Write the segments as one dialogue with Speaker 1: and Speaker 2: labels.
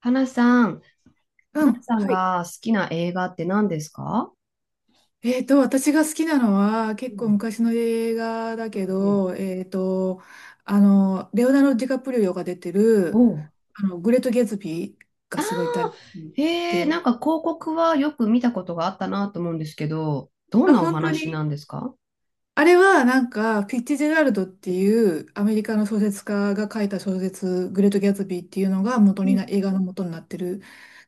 Speaker 1: 花さん、
Speaker 2: う
Speaker 1: 花
Speaker 2: ん。
Speaker 1: さん
Speaker 2: はい。
Speaker 1: が好きな映画って何ですか？
Speaker 2: 私が好きなのは、
Speaker 1: う
Speaker 2: 結構
Speaker 1: ん、
Speaker 2: 昔の映画だけ
Speaker 1: うん、うん。
Speaker 2: ど、レオナルド・ディカプリオが出て
Speaker 1: お
Speaker 2: る、
Speaker 1: う。
Speaker 2: グレート・ゲツビー
Speaker 1: あ
Speaker 2: が
Speaker 1: あ、
Speaker 2: すごい大好き
Speaker 1: へえ、
Speaker 2: で、
Speaker 1: なんか広告はよく見たことがあったなと思うんですけど、どん
Speaker 2: あ、
Speaker 1: なお
Speaker 2: 本当
Speaker 1: 話
Speaker 2: に
Speaker 1: なんですか？
Speaker 2: あれは、なんか、フィッツジェラルドっていうアメリカの小説家が書いた小説、グレート・ギャツビーっていうのが元
Speaker 1: う
Speaker 2: にな、
Speaker 1: ん。
Speaker 2: 映画の元になってる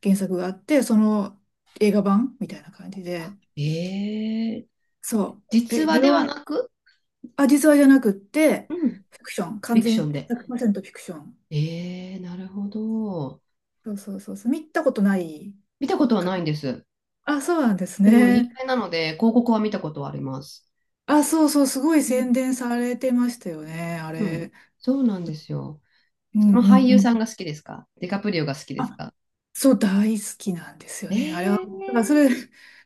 Speaker 2: 原作があって、その映画版みたいな感じで、
Speaker 1: ええ、
Speaker 2: そう。
Speaker 1: 実
Speaker 2: え、
Speaker 1: 話
Speaker 2: レ
Speaker 1: で
Speaker 2: オ、
Speaker 1: はなく、
Speaker 2: あ、実話じゃなくって、
Speaker 1: うん、フ
Speaker 2: フィクション。完
Speaker 1: ィクショ
Speaker 2: 全
Speaker 1: ンで。
Speaker 2: 100%フィクション。
Speaker 1: ええ、なるほど。
Speaker 2: そうそうそうそう。見たことない
Speaker 1: 見たことは
Speaker 2: か
Speaker 1: ないんです。
Speaker 2: な。あ、そうなんです
Speaker 1: でも、有
Speaker 2: ね。
Speaker 1: 名なので、広告は見たことはあります。
Speaker 2: あ、そうそう。すごい
Speaker 1: うん、
Speaker 2: 宣伝されてましたよね。あ
Speaker 1: うん。
Speaker 2: れ。
Speaker 1: そうなんですよ。
Speaker 2: うん
Speaker 1: そ
Speaker 2: う
Speaker 1: の俳優
Speaker 2: んう
Speaker 1: さん
Speaker 2: ん。
Speaker 1: が好きですか？ディカプリオが好きです
Speaker 2: あ、
Speaker 1: か？
Speaker 2: そう、大好きなんですよね。あれは、だからそ
Speaker 1: ええ、
Speaker 2: れ、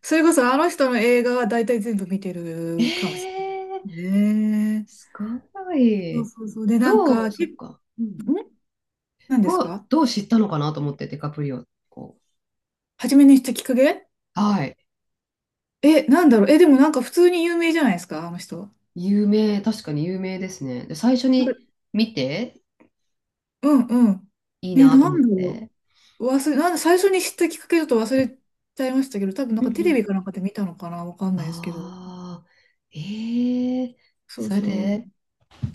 Speaker 2: それこそあの人の映画は大体全部見て
Speaker 1: え
Speaker 2: るかもし
Speaker 1: え。
Speaker 2: れないね。
Speaker 1: すご
Speaker 2: そう
Speaker 1: い。
Speaker 2: そうそう。で、なんか、
Speaker 1: そっ
Speaker 2: ん
Speaker 1: か。うん。
Speaker 2: 何で
Speaker 1: ど
Speaker 2: す
Speaker 1: う、
Speaker 2: か？
Speaker 1: どう知ったのかなと思って、ディカプリオ。こ
Speaker 2: 初めにしたきっかけ？
Speaker 1: う。はい。
Speaker 2: なんだろう。でもなんか普通に有名じゃないですか、あの人。
Speaker 1: 確かに有名ですね。で、最初に見て、
Speaker 2: うんうん。
Speaker 1: いい
Speaker 2: ね、
Speaker 1: なと
Speaker 2: な
Speaker 1: 思
Speaker 2: ん
Speaker 1: っ
Speaker 2: だろ
Speaker 1: て。
Speaker 2: う。なんで最初に知ったきっかけだと忘れちゃいましたけど、多分な
Speaker 1: う
Speaker 2: ん
Speaker 1: んう
Speaker 2: かテレビ
Speaker 1: ん。
Speaker 2: かなんかで見たのかな、わかんないですけど。
Speaker 1: ああ、ええ。
Speaker 2: そう
Speaker 1: それ
Speaker 2: そう。
Speaker 1: で、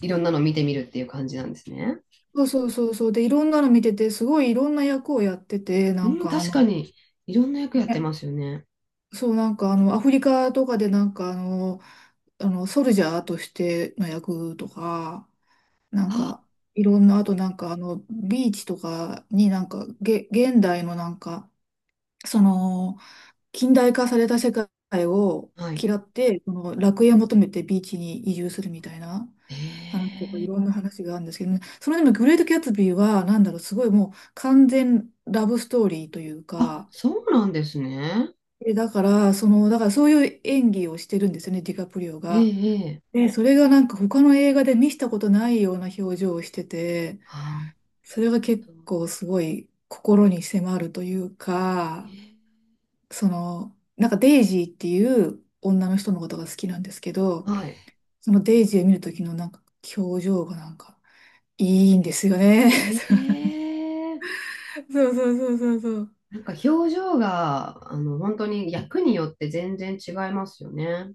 Speaker 1: いろんなの見てみるっていう感じなんですね。
Speaker 2: そうそうそうそう。で、いろんなの見てて、すごいいろんな役をやってて、
Speaker 1: う
Speaker 2: なん
Speaker 1: ん、
Speaker 2: かあ
Speaker 1: 確か
Speaker 2: の、
Speaker 1: に、いろんな役やって
Speaker 2: ね、
Speaker 1: ますよね。
Speaker 2: そう、なんかあの、アフリカとかでなんかあの、ソルジャーとしての役とか、なん
Speaker 1: あ
Speaker 2: か、いろんな、あとなんかあの、ビーチとかになんか、現代のなんか、その、近代化された世界を
Speaker 1: ー、はい。
Speaker 2: 嫌って、その楽園を求めてビーチに移住するみたいな話とかい
Speaker 1: ええ。
Speaker 2: ろんな話があるんですけどね、それでもグレート・キャツビーはなんだろう、すごいもう完全ラブストーリーという
Speaker 1: あ、
Speaker 2: か、
Speaker 1: そうなんですね。
Speaker 2: で、だからそういう演技をしてるんですよね、ディカプリオ
Speaker 1: え
Speaker 2: が。
Speaker 1: え、ええ。
Speaker 2: で、それがなんか他の映画で見したことないような表情をしてて、
Speaker 1: ああ、
Speaker 2: そ
Speaker 1: な
Speaker 2: れ
Speaker 1: る
Speaker 2: が結
Speaker 1: ほど。
Speaker 2: 構すごい心に迫るという
Speaker 1: え
Speaker 2: か、
Speaker 1: ー、
Speaker 2: その、なんかデイジーっていう女の人のことが好きなんですけど、
Speaker 1: はい。
Speaker 2: そのデイジーを見るときのなんか表情がなんかいいんですよね。
Speaker 1: ええ。
Speaker 2: そうそうそうそうそう。
Speaker 1: なんか表情が、本当に役によって全然違いますよね。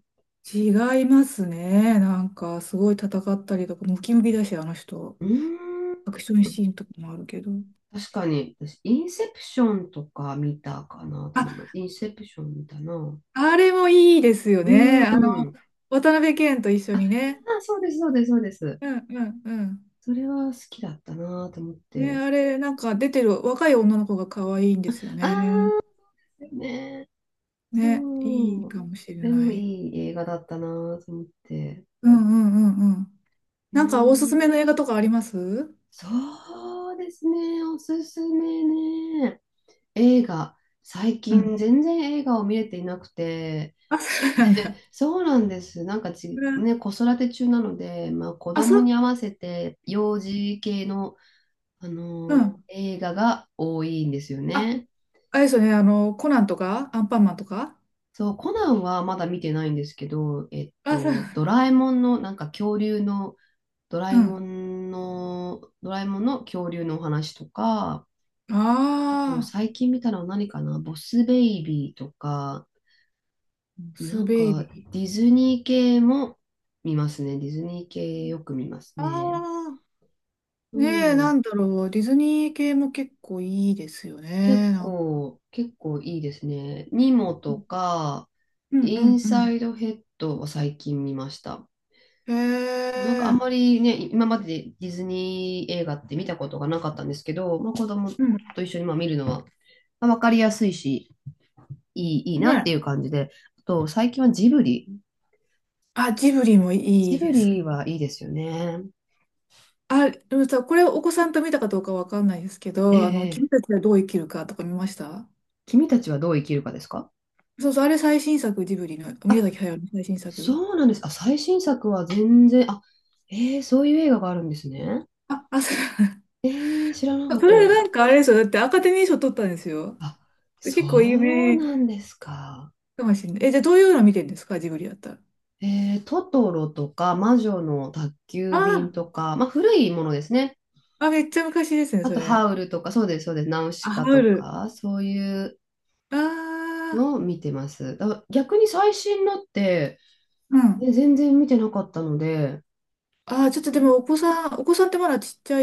Speaker 2: 違いますね。なんかすごい戦ったりとか、ムキムキだし、あの人。
Speaker 1: うーん。
Speaker 2: アクションシーンとかもあるけど。
Speaker 1: 確かに、私、インセプションとか見たかなと思い
Speaker 2: あ、
Speaker 1: ます。インセプション見たな。う
Speaker 2: あれもいいですよ
Speaker 1: ー
Speaker 2: ね。
Speaker 1: ん。
Speaker 2: 渡辺謙と一緒にね。
Speaker 1: あ、そうです、そうです、そうです。
Speaker 2: うんうんうん。
Speaker 1: それは好きだったなと思っ
Speaker 2: ね、
Speaker 1: て。
Speaker 2: あれ、なんか出てる若い女の子が可愛いんですよ
Speaker 1: あ
Speaker 2: ね。
Speaker 1: あ、ね。
Speaker 2: ね、いい
Speaker 1: そう。
Speaker 2: かもしれ
Speaker 1: で
Speaker 2: な
Speaker 1: も
Speaker 2: い。
Speaker 1: いい映画だったなと思って。
Speaker 2: うんうんうんうん。なんかおすす
Speaker 1: ええ。
Speaker 2: めの映画とかありますう
Speaker 1: そうですね、おすすめね。映画、最近
Speaker 2: ん。
Speaker 1: 全然映画を見れていなくて、
Speaker 2: あ、そうなんだ。
Speaker 1: そうなんです。なんかち、
Speaker 2: うん
Speaker 1: ね、子育て中なので、まあ、子
Speaker 2: あ、そ
Speaker 1: 供に
Speaker 2: う、
Speaker 1: 合わせて幼児系の、あ
Speaker 2: う
Speaker 1: の
Speaker 2: ん。
Speaker 1: 映画が多いんですよ
Speaker 2: あ、
Speaker 1: ね。
Speaker 2: あれですよね、コナンとか、アンパンマンとか。
Speaker 1: そう、コナンはまだ見てないんですけど、
Speaker 2: あ、そう、
Speaker 1: ドラえもんの、なんか恐竜の、ドラ
Speaker 2: う
Speaker 1: え
Speaker 2: ん。
Speaker 1: もんの、ドラえもんの恐竜のお話とか、あと、
Speaker 2: ああ、
Speaker 1: 最近見たのは何かな？ボスベイビーとか、な
Speaker 2: ス
Speaker 1: ん
Speaker 2: ベイ
Speaker 1: か、
Speaker 2: ビー。
Speaker 1: ディズニー系も見ますね。ディズニー系よく見ます
Speaker 2: あ
Speaker 1: ね。
Speaker 2: あ、
Speaker 1: う
Speaker 2: ねえ、な
Speaker 1: ん。
Speaker 2: んだろう、ディズニー系も結構いいですよ
Speaker 1: 結
Speaker 2: ね。なんか
Speaker 1: 構、結構いいですね。ニモとか、
Speaker 2: うん
Speaker 1: イ
Speaker 2: う
Speaker 1: ン
Speaker 2: んう
Speaker 1: サ
Speaker 2: ん。
Speaker 1: イドヘッドを最近見ました。
Speaker 2: へ
Speaker 1: なんかあん
Speaker 2: え、
Speaker 1: まりね、今までディズニー映画って見たことがなかったんですけど、まあ、子供
Speaker 2: うん。
Speaker 1: と一緒にまあ見るのは、まあ、分かりやすいし、いいなってい
Speaker 2: ね。
Speaker 1: う感じで、あと最近はジブリ。
Speaker 2: あ、ジブリもい
Speaker 1: ジ
Speaker 2: い
Speaker 1: ブ
Speaker 2: ですね。
Speaker 1: リはいいですよね。
Speaker 2: あ、でもさ、これお子さんと見たかどうかわかんないですけ
Speaker 1: え
Speaker 2: ど、君
Speaker 1: え、ええ。
Speaker 2: たちはどう生きるかとか見ました？
Speaker 1: 君たちはどう生きるかですか？
Speaker 2: そうそう、あれ最新作、ジブリの、宮
Speaker 1: あ、
Speaker 2: 崎駿の最新作。
Speaker 1: そうなんです。あ、最新作は全然、あ、ええ、そういう映画があるんですね。
Speaker 2: あ、あ、それ、
Speaker 1: ええ、知らな かっ
Speaker 2: そ
Speaker 1: たで
Speaker 2: れな
Speaker 1: す。
Speaker 2: んかあれですよ。だってアカデミー賞取ったんですよ。
Speaker 1: あ、
Speaker 2: で結構有
Speaker 1: そう
Speaker 2: 名
Speaker 1: なんですか。
Speaker 2: かもしれない。じゃあどういうの見てるんですか？ジブリだったら。
Speaker 1: ええ、トトロとか、魔女の宅急便
Speaker 2: あ
Speaker 1: とか、まあ、古いものですね。
Speaker 2: あ、あ、めっちゃ昔ですね、
Speaker 1: あ
Speaker 2: そ
Speaker 1: と、ハ
Speaker 2: れ。
Speaker 1: ウルとか、そうです、そうです。ナウシ
Speaker 2: あ、ハ
Speaker 1: カと
Speaker 2: ウル。
Speaker 1: か、そういう
Speaker 2: あ
Speaker 1: の
Speaker 2: あ、
Speaker 1: を見てます。だから逆に最新のって、
Speaker 2: うん。
Speaker 1: 全然見てなかったので、
Speaker 2: ああ、ちょっとでもお子さんってまだちっちゃ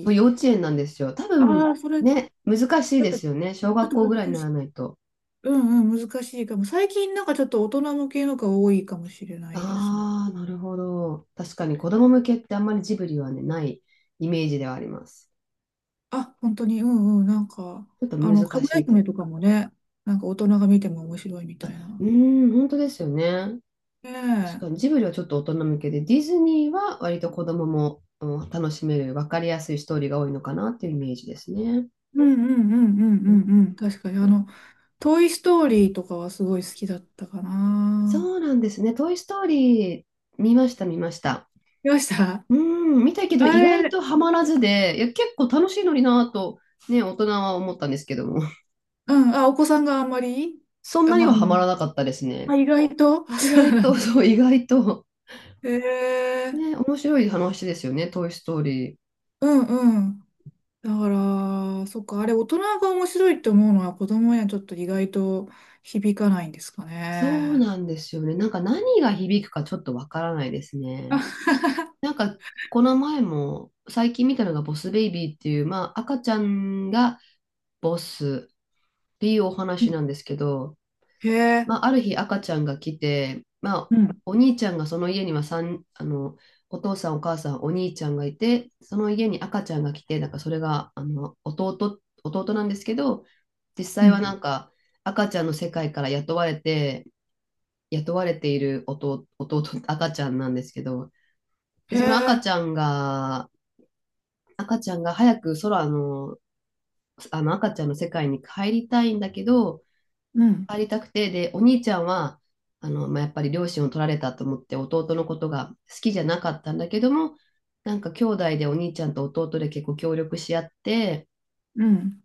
Speaker 1: そう、幼稚園なんですよ。多分、
Speaker 2: ああ、それ、
Speaker 1: ね、難しい
Speaker 2: やっ
Speaker 1: で
Speaker 2: ぱち
Speaker 1: すよね。小
Speaker 2: ょっ
Speaker 1: 学
Speaker 2: と
Speaker 1: 校
Speaker 2: 難
Speaker 1: ぐらいにな
Speaker 2: し
Speaker 1: ら
Speaker 2: い。
Speaker 1: ないと。
Speaker 2: うんうん、難しいかも。最近なんかちょっと大人向けのが多いかもしれないです。
Speaker 1: ああ、なるほど。確かに子供向けってあんまりジブリはね、ないイメージではあります。
Speaker 2: あ、本当に、うんうん、なんか、
Speaker 1: ちょっと
Speaker 2: あ
Speaker 1: 難
Speaker 2: の、かぐ
Speaker 1: し
Speaker 2: や
Speaker 1: いとい
Speaker 2: 姫
Speaker 1: う。
Speaker 2: とかもね、なんか大人が見ても面白いみたい
Speaker 1: う
Speaker 2: な。
Speaker 1: ーん、本当ですよね。
Speaker 2: ね
Speaker 1: 確か
Speaker 2: え。
Speaker 1: にジブリはちょっと大人向けで、ディズニーは割と子供も、うん、楽しめる、分かりやすいストーリーが多いのかなっていうイメージですね。
Speaker 2: うんうんうんうん
Speaker 1: うん。
Speaker 2: うんうん。確かに、あの、トイ・ストーリーとかはすごい好きだったか
Speaker 1: そ
Speaker 2: な。
Speaker 1: うなんですね。トイ・ストーリー見ました、見ました。
Speaker 2: 見ました？
Speaker 1: うん、見たけど
Speaker 2: あ
Speaker 1: 意外
Speaker 2: れ、
Speaker 1: とハマらずで、いや、結構楽しいのになぁと、ね、大人は思ったんですけども、
Speaker 2: うん、あ、お子さんがあんまり。
Speaker 1: そん
Speaker 2: あ、
Speaker 1: なに
Speaker 2: まあ、
Speaker 1: はハマらなかったですね。
Speaker 2: あ、意外と、あ、
Speaker 1: 意
Speaker 2: そう
Speaker 1: 外
Speaker 2: な
Speaker 1: と、
Speaker 2: ん だ。
Speaker 1: そう、意外と、
Speaker 2: えー
Speaker 1: ね、面白い話ですよね、トイ・ストーリー。
Speaker 2: うんうん。だから、そっか、あれ大人が面白いって思うのは子供にはちょっと意外と響かないんですか
Speaker 1: そう
Speaker 2: ね。
Speaker 1: なんですよね。なんか何が響くかちょっとわからないですね。
Speaker 2: あ
Speaker 1: なんか、この前も、最近見たのがボス・ベイビーっていう、まあ、赤ちゃんがボスっていうお話なんですけど、
Speaker 2: へえ、
Speaker 1: まあ、ある日赤ちゃんが来て、まあ、
Speaker 2: うん、
Speaker 1: お兄ちゃんがその家にはさんあの、お父さん、お母さん、お兄ちゃんがいて、その家に赤ちゃんが来て、なんかそれがあの弟なんですけど、実
Speaker 2: う
Speaker 1: 際は
Speaker 2: ん、
Speaker 1: なんか赤ちゃんの世界から雇われて、雇われている赤ちゃんなんですけど、で、
Speaker 2: へ
Speaker 1: その赤
Speaker 2: え、
Speaker 1: ちゃんが、早く空の、あの赤ちゃんの世界に帰りたいんだけど、
Speaker 2: うん、
Speaker 1: 帰りたくて、で、お兄ちゃんは、まあ、やっぱり両親を取られたと思って弟のことが好きじゃなかったんだけども、なんか兄弟でお兄ちゃんと弟で結構協力し合って
Speaker 2: うん。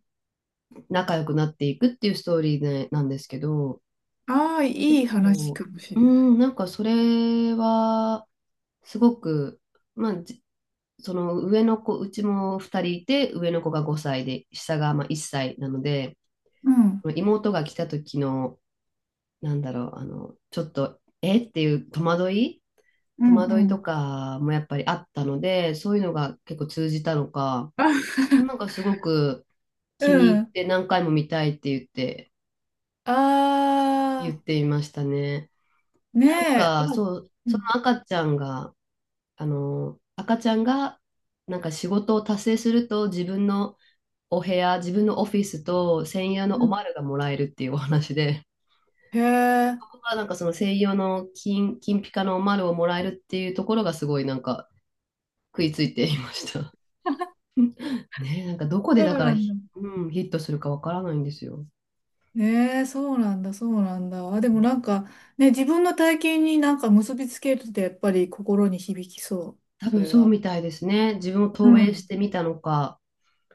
Speaker 1: 仲良くなっていくっていうストーリーでなんですけど、
Speaker 2: ああ、
Speaker 1: 結
Speaker 2: いい話
Speaker 1: 構、
Speaker 2: かもし
Speaker 1: う
Speaker 2: れない。
Speaker 1: ん、なんかそれは、すごく、まあ、その上の子、うちも2人いて、上の子が5歳で、下がまあ1歳なので、
Speaker 2: うん、
Speaker 1: 妹が来た時のなんだろう、あの、ちょっと、えっていう戸惑い
Speaker 2: う
Speaker 1: 戸
Speaker 2: ん、う
Speaker 1: 惑いと
Speaker 2: ん。
Speaker 1: かもやっぱりあったので、そういうのが結構通じたのか、な
Speaker 2: あ、
Speaker 1: んかすごく
Speaker 2: う
Speaker 1: 気に入っ
Speaker 2: ん。
Speaker 1: て何回も見たいって言って、
Speaker 2: あ
Speaker 1: 言っ
Speaker 2: あ、
Speaker 1: ていましたね。なん
Speaker 2: ねえ。
Speaker 1: か、
Speaker 2: あ
Speaker 1: そう、
Speaker 2: う
Speaker 1: そ
Speaker 2: ん、
Speaker 1: の赤ちゃんが、あの、赤ちゃんが、なんか仕事を達成すると自分のお部屋、自分のオフィスと専用の
Speaker 2: う
Speaker 1: お
Speaker 2: ん。
Speaker 1: まるがもらえるっていうお話で、
Speaker 2: へえ、
Speaker 1: はなんかその西洋の金ピカの丸をもらえるっていうところがすごいなんか食いついていました。ねえ、なんかどこで
Speaker 2: そう
Speaker 1: だから
Speaker 2: なんだ。
Speaker 1: うん、ヒットするかわからないんですよ。
Speaker 2: ええそうなんだ、そうなんだ。あ、でもなんか、ね、自分の体験になんか結びつけるってやっぱり心に響きそう。
Speaker 1: 多
Speaker 2: そ
Speaker 1: 分
Speaker 2: れ
Speaker 1: そう
Speaker 2: は。
Speaker 1: みたいですね。自分を
Speaker 2: う
Speaker 1: 投影し
Speaker 2: ん。
Speaker 1: てみたのか。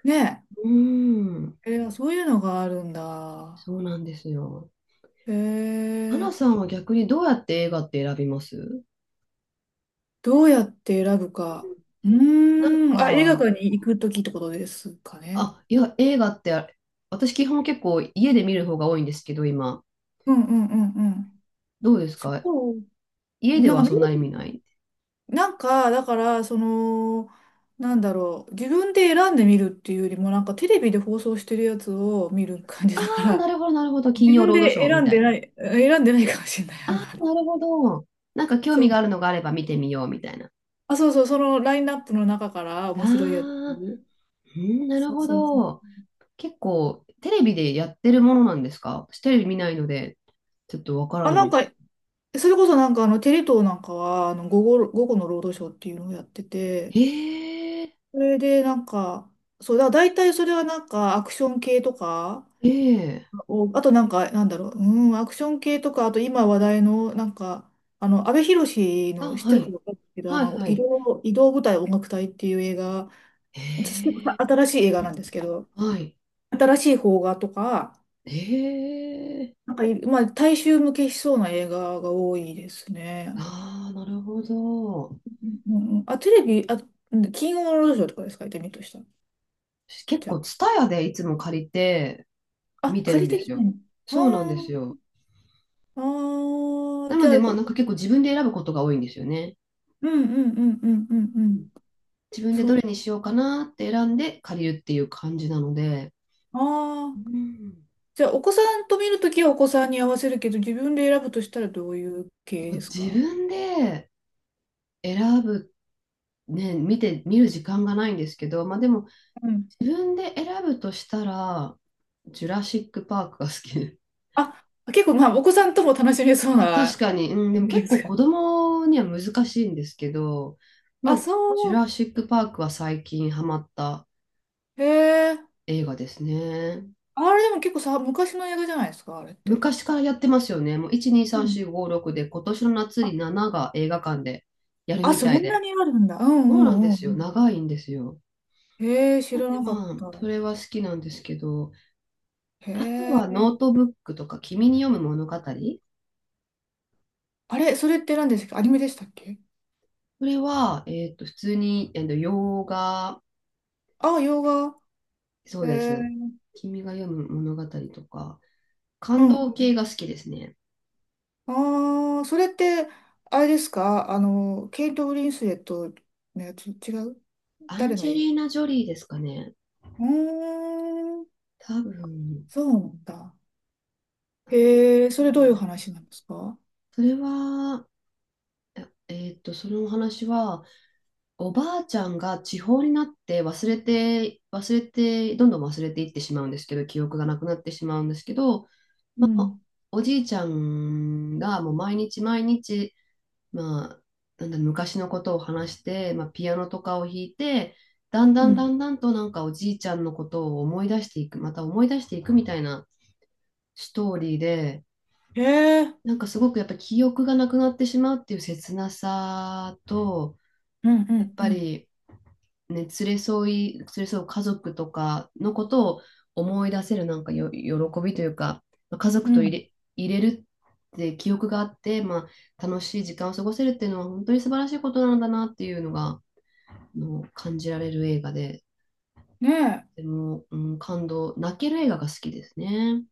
Speaker 2: ね
Speaker 1: うーん、
Speaker 2: え、そういうのがあるんだ。
Speaker 1: そうなんですよ。
Speaker 2: え
Speaker 1: 花さ
Speaker 2: え
Speaker 1: んは逆にどうやって映画って選びます？
Speaker 2: どうやって選ぶか。う
Speaker 1: なん
Speaker 2: ーん、あ、映画
Speaker 1: か、
Speaker 2: 館に行くときってことですかね。
Speaker 1: あ、いや、映画って、私基本結構家で見る方が多いんですけど、今。
Speaker 2: うんうんうんうん。
Speaker 1: どうです
Speaker 2: そ
Speaker 1: か？
Speaker 2: う。
Speaker 1: 家で
Speaker 2: なんか
Speaker 1: は
Speaker 2: 見
Speaker 1: そんなに見
Speaker 2: る、
Speaker 1: ない？
Speaker 2: なんか、だから、その、なんだろう、自分で選んでみるっていうよりも、なんかテレビで放送してるやつを見る感じ
Speaker 1: あ
Speaker 2: だか
Speaker 1: あ、
Speaker 2: ら、
Speaker 1: なるほど、なるほど。金
Speaker 2: 自
Speaker 1: 曜
Speaker 2: 分
Speaker 1: ロードシ
Speaker 2: で
Speaker 1: ョーみ
Speaker 2: 選ん
Speaker 1: た
Speaker 2: で
Speaker 1: い
Speaker 2: な
Speaker 1: な。
Speaker 2: い、選んでないかもしれない、あ
Speaker 1: な
Speaker 2: ん
Speaker 1: る
Speaker 2: まり。
Speaker 1: ほど。なんか興
Speaker 2: そ
Speaker 1: 味が
Speaker 2: う。
Speaker 1: あるのがあれば見てみようみたいな。
Speaker 2: あ、そうそう、そのラインナップの中から
Speaker 1: あ
Speaker 2: 面白いやつ。
Speaker 1: あ、うん、なる
Speaker 2: そう
Speaker 1: ほ
Speaker 2: そうそ
Speaker 1: ど。
Speaker 2: う。
Speaker 1: 結構テレビでやってるものなんですか？私テレビ見ないので、ちょっとわから
Speaker 2: あ、
Speaker 1: ないん
Speaker 2: なん
Speaker 1: で
Speaker 2: か、
Speaker 1: すけど。
Speaker 2: それこそなんかあの、テレ東なんかは、あの、午後の労働省っていうのをやってて、
Speaker 1: ええ、
Speaker 2: それでなんか、そう、だから大体それはなんかアクション系とか、
Speaker 1: ええ。
Speaker 2: おあとなんか、なんだろう、うん、アクション系とか、あと今話題の、なんか、あの、阿部寛
Speaker 1: あ、
Speaker 2: の、知っ
Speaker 1: は
Speaker 2: てるか
Speaker 1: い。
Speaker 2: 分かんないけど、あ
Speaker 1: はい、
Speaker 2: の、
Speaker 1: はい。
Speaker 2: 移動舞台音楽隊っていう映画、私結構
Speaker 1: ええ、
Speaker 2: 新しい映画なんですけど、
Speaker 1: はい。
Speaker 2: 新しい邦画とか、
Speaker 1: ええ。
Speaker 2: なんかい、まあ、大衆向けしそうな映画が多いですね。
Speaker 1: ああ、なるほど。
Speaker 2: うんうん、あ、テレビ、あ、うん金曜ロードショーとかですか、行ってみるとしたら。
Speaker 1: 私結
Speaker 2: じ
Speaker 1: 構、
Speaker 2: ゃ
Speaker 1: ツタヤでいつも借りて
Speaker 2: あ、あ、
Speaker 1: 見て
Speaker 2: 借
Speaker 1: るん
Speaker 2: り
Speaker 1: で
Speaker 2: てき
Speaker 1: す
Speaker 2: て
Speaker 1: よ。
Speaker 2: ん
Speaker 1: そうなん
Speaker 2: あ
Speaker 1: ですよ。
Speaker 2: あー、あー
Speaker 1: な
Speaker 2: じ
Speaker 1: の
Speaker 2: ゃ
Speaker 1: で、
Speaker 2: あ、
Speaker 1: まあ、な
Speaker 2: こ
Speaker 1: んか結構自分で選ぶことが多いんですよね。
Speaker 2: うんうんうんうんうんう
Speaker 1: うん。
Speaker 2: ん。
Speaker 1: 自分で
Speaker 2: そ
Speaker 1: ど
Speaker 2: っ
Speaker 1: れにしようかなって選んで借りるっていう感じなので、
Speaker 2: あ
Speaker 1: う
Speaker 2: あー、
Speaker 1: ん。
Speaker 2: じゃあ、お子さんと見るときはお子さんに合わせるけど、自分で選ぶとしたらどういう
Speaker 1: そ
Speaker 2: 系
Speaker 1: う
Speaker 2: です
Speaker 1: 自
Speaker 2: か？
Speaker 1: 分で選ぶ、ね、見る時間がないんですけど、まあでも、
Speaker 2: うん。
Speaker 1: 自分で選ぶとしたら、ジュラシック・パークが好きで。
Speaker 2: あ、結構、まあ、お子さんとも楽しめ そう
Speaker 1: まあ確
Speaker 2: な、
Speaker 1: かに、うん、でも結
Speaker 2: です
Speaker 1: 構
Speaker 2: か。
Speaker 1: 子供には難しいんですけど、ま
Speaker 2: あ、
Speaker 1: あ、ジュ
Speaker 2: そ
Speaker 1: ラシック・パークは最近ハマった
Speaker 2: う。へえ。
Speaker 1: 映画ですね。
Speaker 2: あれでも結構さ、昔の映画じゃないですか、あれって。
Speaker 1: 昔からやってますよね。もう1、2、
Speaker 2: う
Speaker 1: 3、
Speaker 2: ん。
Speaker 1: 4、5、6で、今年の夏
Speaker 2: あ、
Speaker 1: に7が映画館でやる
Speaker 2: あ、
Speaker 1: み
Speaker 2: そ
Speaker 1: たい
Speaker 2: んな
Speaker 1: で。
Speaker 2: にあるんだ。うん
Speaker 1: そうなん
Speaker 2: う
Speaker 1: で
Speaker 2: んう
Speaker 1: すよ。
Speaker 2: ん。
Speaker 1: 長いんですよ。
Speaker 2: へえ、知
Speaker 1: なん
Speaker 2: ら
Speaker 1: で
Speaker 2: なかっ
Speaker 1: まあ、
Speaker 2: た。
Speaker 1: それは好きなんですけど、
Speaker 2: へ
Speaker 1: あとは
Speaker 2: え。
Speaker 1: ノートブックとか、君に読む物語。
Speaker 2: あれ、それって何でしたっけ？アニメでしたっけ？
Speaker 1: それは、普通に、洋画、
Speaker 2: あ、洋画。
Speaker 1: そ
Speaker 2: へ
Speaker 1: うです。
Speaker 2: え。
Speaker 1: 君が読む物語とか、
Speaker 2: う
Speaker 1: 感
Speaker 2: ん。
Speaker 1: 動系が好きですね。
Speaker 2: ああ、それって、あれですか？あの、ケイト・ブリンスレットのやつ、違う？
Speaker 1: アン
Speaker 2: 誰の
Speaker 1: ジェ
Speaker 2: 絵？
Speaker 1: リーナ・ジョリーですかね。
Speaker 2: うーん、
Speaker 1: 多分、
Speaker 2: そうなんだ。へえ、それどういう話なんですか？
Speaker 1: それは、そのお話は、おばあちゃんが地方になって忘れて、忘れて、どんどん忘れていってしまうんですけど、記憶がなくなってしまうんですけど、
Speaker 2: う
Speaker 1: まあ、
Speaker 2: ん。
Speaker 1: おじいちゃんがもう毎日毎日、まあ、なんだ昔のことを話して、まあ、ピアノとかを弾いて、だん
Speaker 2: う
Speaker 1: だん
Speaker 2: ん。
Speaker 1: だんだんとなんかおじいちゃんのことを思い出していく、また思い出していくみたいなストーリーで、
Speaker 2: へえ。
Speaker 1: なんかすごくやっぱり記憶がなくなってしまうっていう切なさと、
Speaker 2: うんう
Speaker 1: やっ
Speaker 2: んう
Speaker 1: ぱ
Speaker 2: ん。
Speaker 1: り、ね、連れ添う家族とかのことを思い出せるなんか喜びというか、家
Speaker 2: う
Speaker 1: 族と入
Speaker 2: ん。
Speaker 1: れ、入れるって記憶があって、まあ、楽しい時間を過ごせるっていうのは本当に素晴らしいことなんだなっていうのが、の感じられる映画で、
Speaker 2: ね
Speaker 1: でも、うん、感動、泣ける映画が好きですね。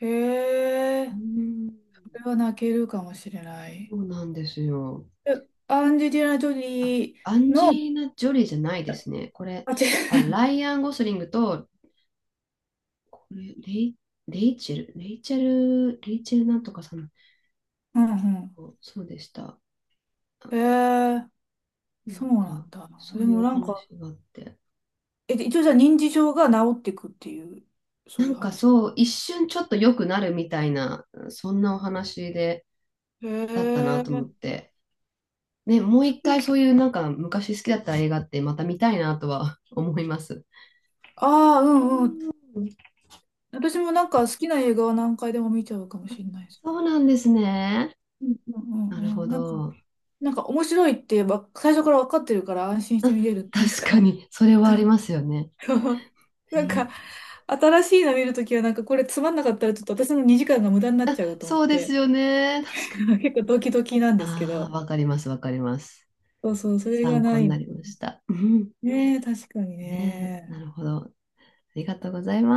Speaker 2: え。へえ。
Speaker 1: うん、
Speaker 2: これは泣けるかもしれな
Speaker 1: そ
Speaker 2: い。
Speaker 1: うなんですよ。
Speaker 2: え、アンジェリーナ・ジョ
Speaker 1: あ、
Speaker 2: リー
Speaker 1: アンジェ
Speaker 2: の、
Speaker 1: リーナ・ジョリーじゃないですね。これ、
Speaker 2: あ、違
Speaker 1: あ、
Speaker 2: う。
Speaker 1: ライアン・ゴスリングと、これ、レイチェル、レイチェル、レイチェルなんとかさん、
Speaker 2: うんう
Speaker 1: そうでした。
Speaker 2: ん。へえ、
Speaker 1: な
Speaker 2: そう
Speaker 1: ん
Speaker 2: な
Speaker 1: か、
Speaker 2: んだ。
Speaker 1: そ
Speaker 2: で
Speaker 1: ういう
Speaker 2: も
Speaker 1: お
Speaker 2: なんか、
Speaker 1: 話があって。
Speaker 2: 一応じゃあ認知症が治っていくっていう、そ
Speaker 1: な
Speaker 2: ういう
Speaker 1: んか
Speaker 2: 話。
Speaker 1: そう、一瞬ちょっと良くなるみたいな、そんなお話で、
Speaker 2: へ
Speaker 1: だったなと思
Speaker 2: え。
Speaker 1: って。ね、もう一回そういうなんか昔好きだった映画ってまた見たいなとは思います。
Speaker 2: ああ、うんうん。私もなんか好きな映画は何回でも見ちゃうかもしれないです
Speaker 1: そう
Speaker 2: ね。
Speaker 1: なんですね。
Speaker 2: うんうん
Speaker 1: な
Speaker 2: う
Speaker 1: る
Speaker 2: ん
Speaker 1: ほ
Speaker 2: うん。なんか、
Speaker 1: ど。
Speaker 2: なんか面白いってば、最初から分かってるから安心して見れるっていう
Speaker 1: 確か
Speaker 2: か。
Speaker 1: に、それはありますよね。
Speaker 2: なん
Speaker 1: ね。
Speaker 2: か、新しいの見るときは、なんかこれつまんなかったら、ちょっと私の2時間が無駄になっ
Speaker 1: あ、
Speaker 2: ちゃうと思
Speaker 1: そ
Speaker 2: っ
Speaker 1: うです
Speaker 2: て、
Speaker 1: よね。確かに。
Speaker 2: 結構ドキドキなんですけ
Speaker 1: ああ、
Speaker 2: ど、
Speaker 1: わかります、わかります。
Speaker 2: そうそう、それが
Speaker 1: 参
Speaker 2: な
Speaker 1: 考に
Speaker 2: い
Speaker 1: な
Speaker 2: の。
Speaker 1: りました。
Speaker 2: ねえ、確かに
Speaker 1: ねえ、な
Speaker 2: ね。
Speaker 1: るほど。ありがとうございます。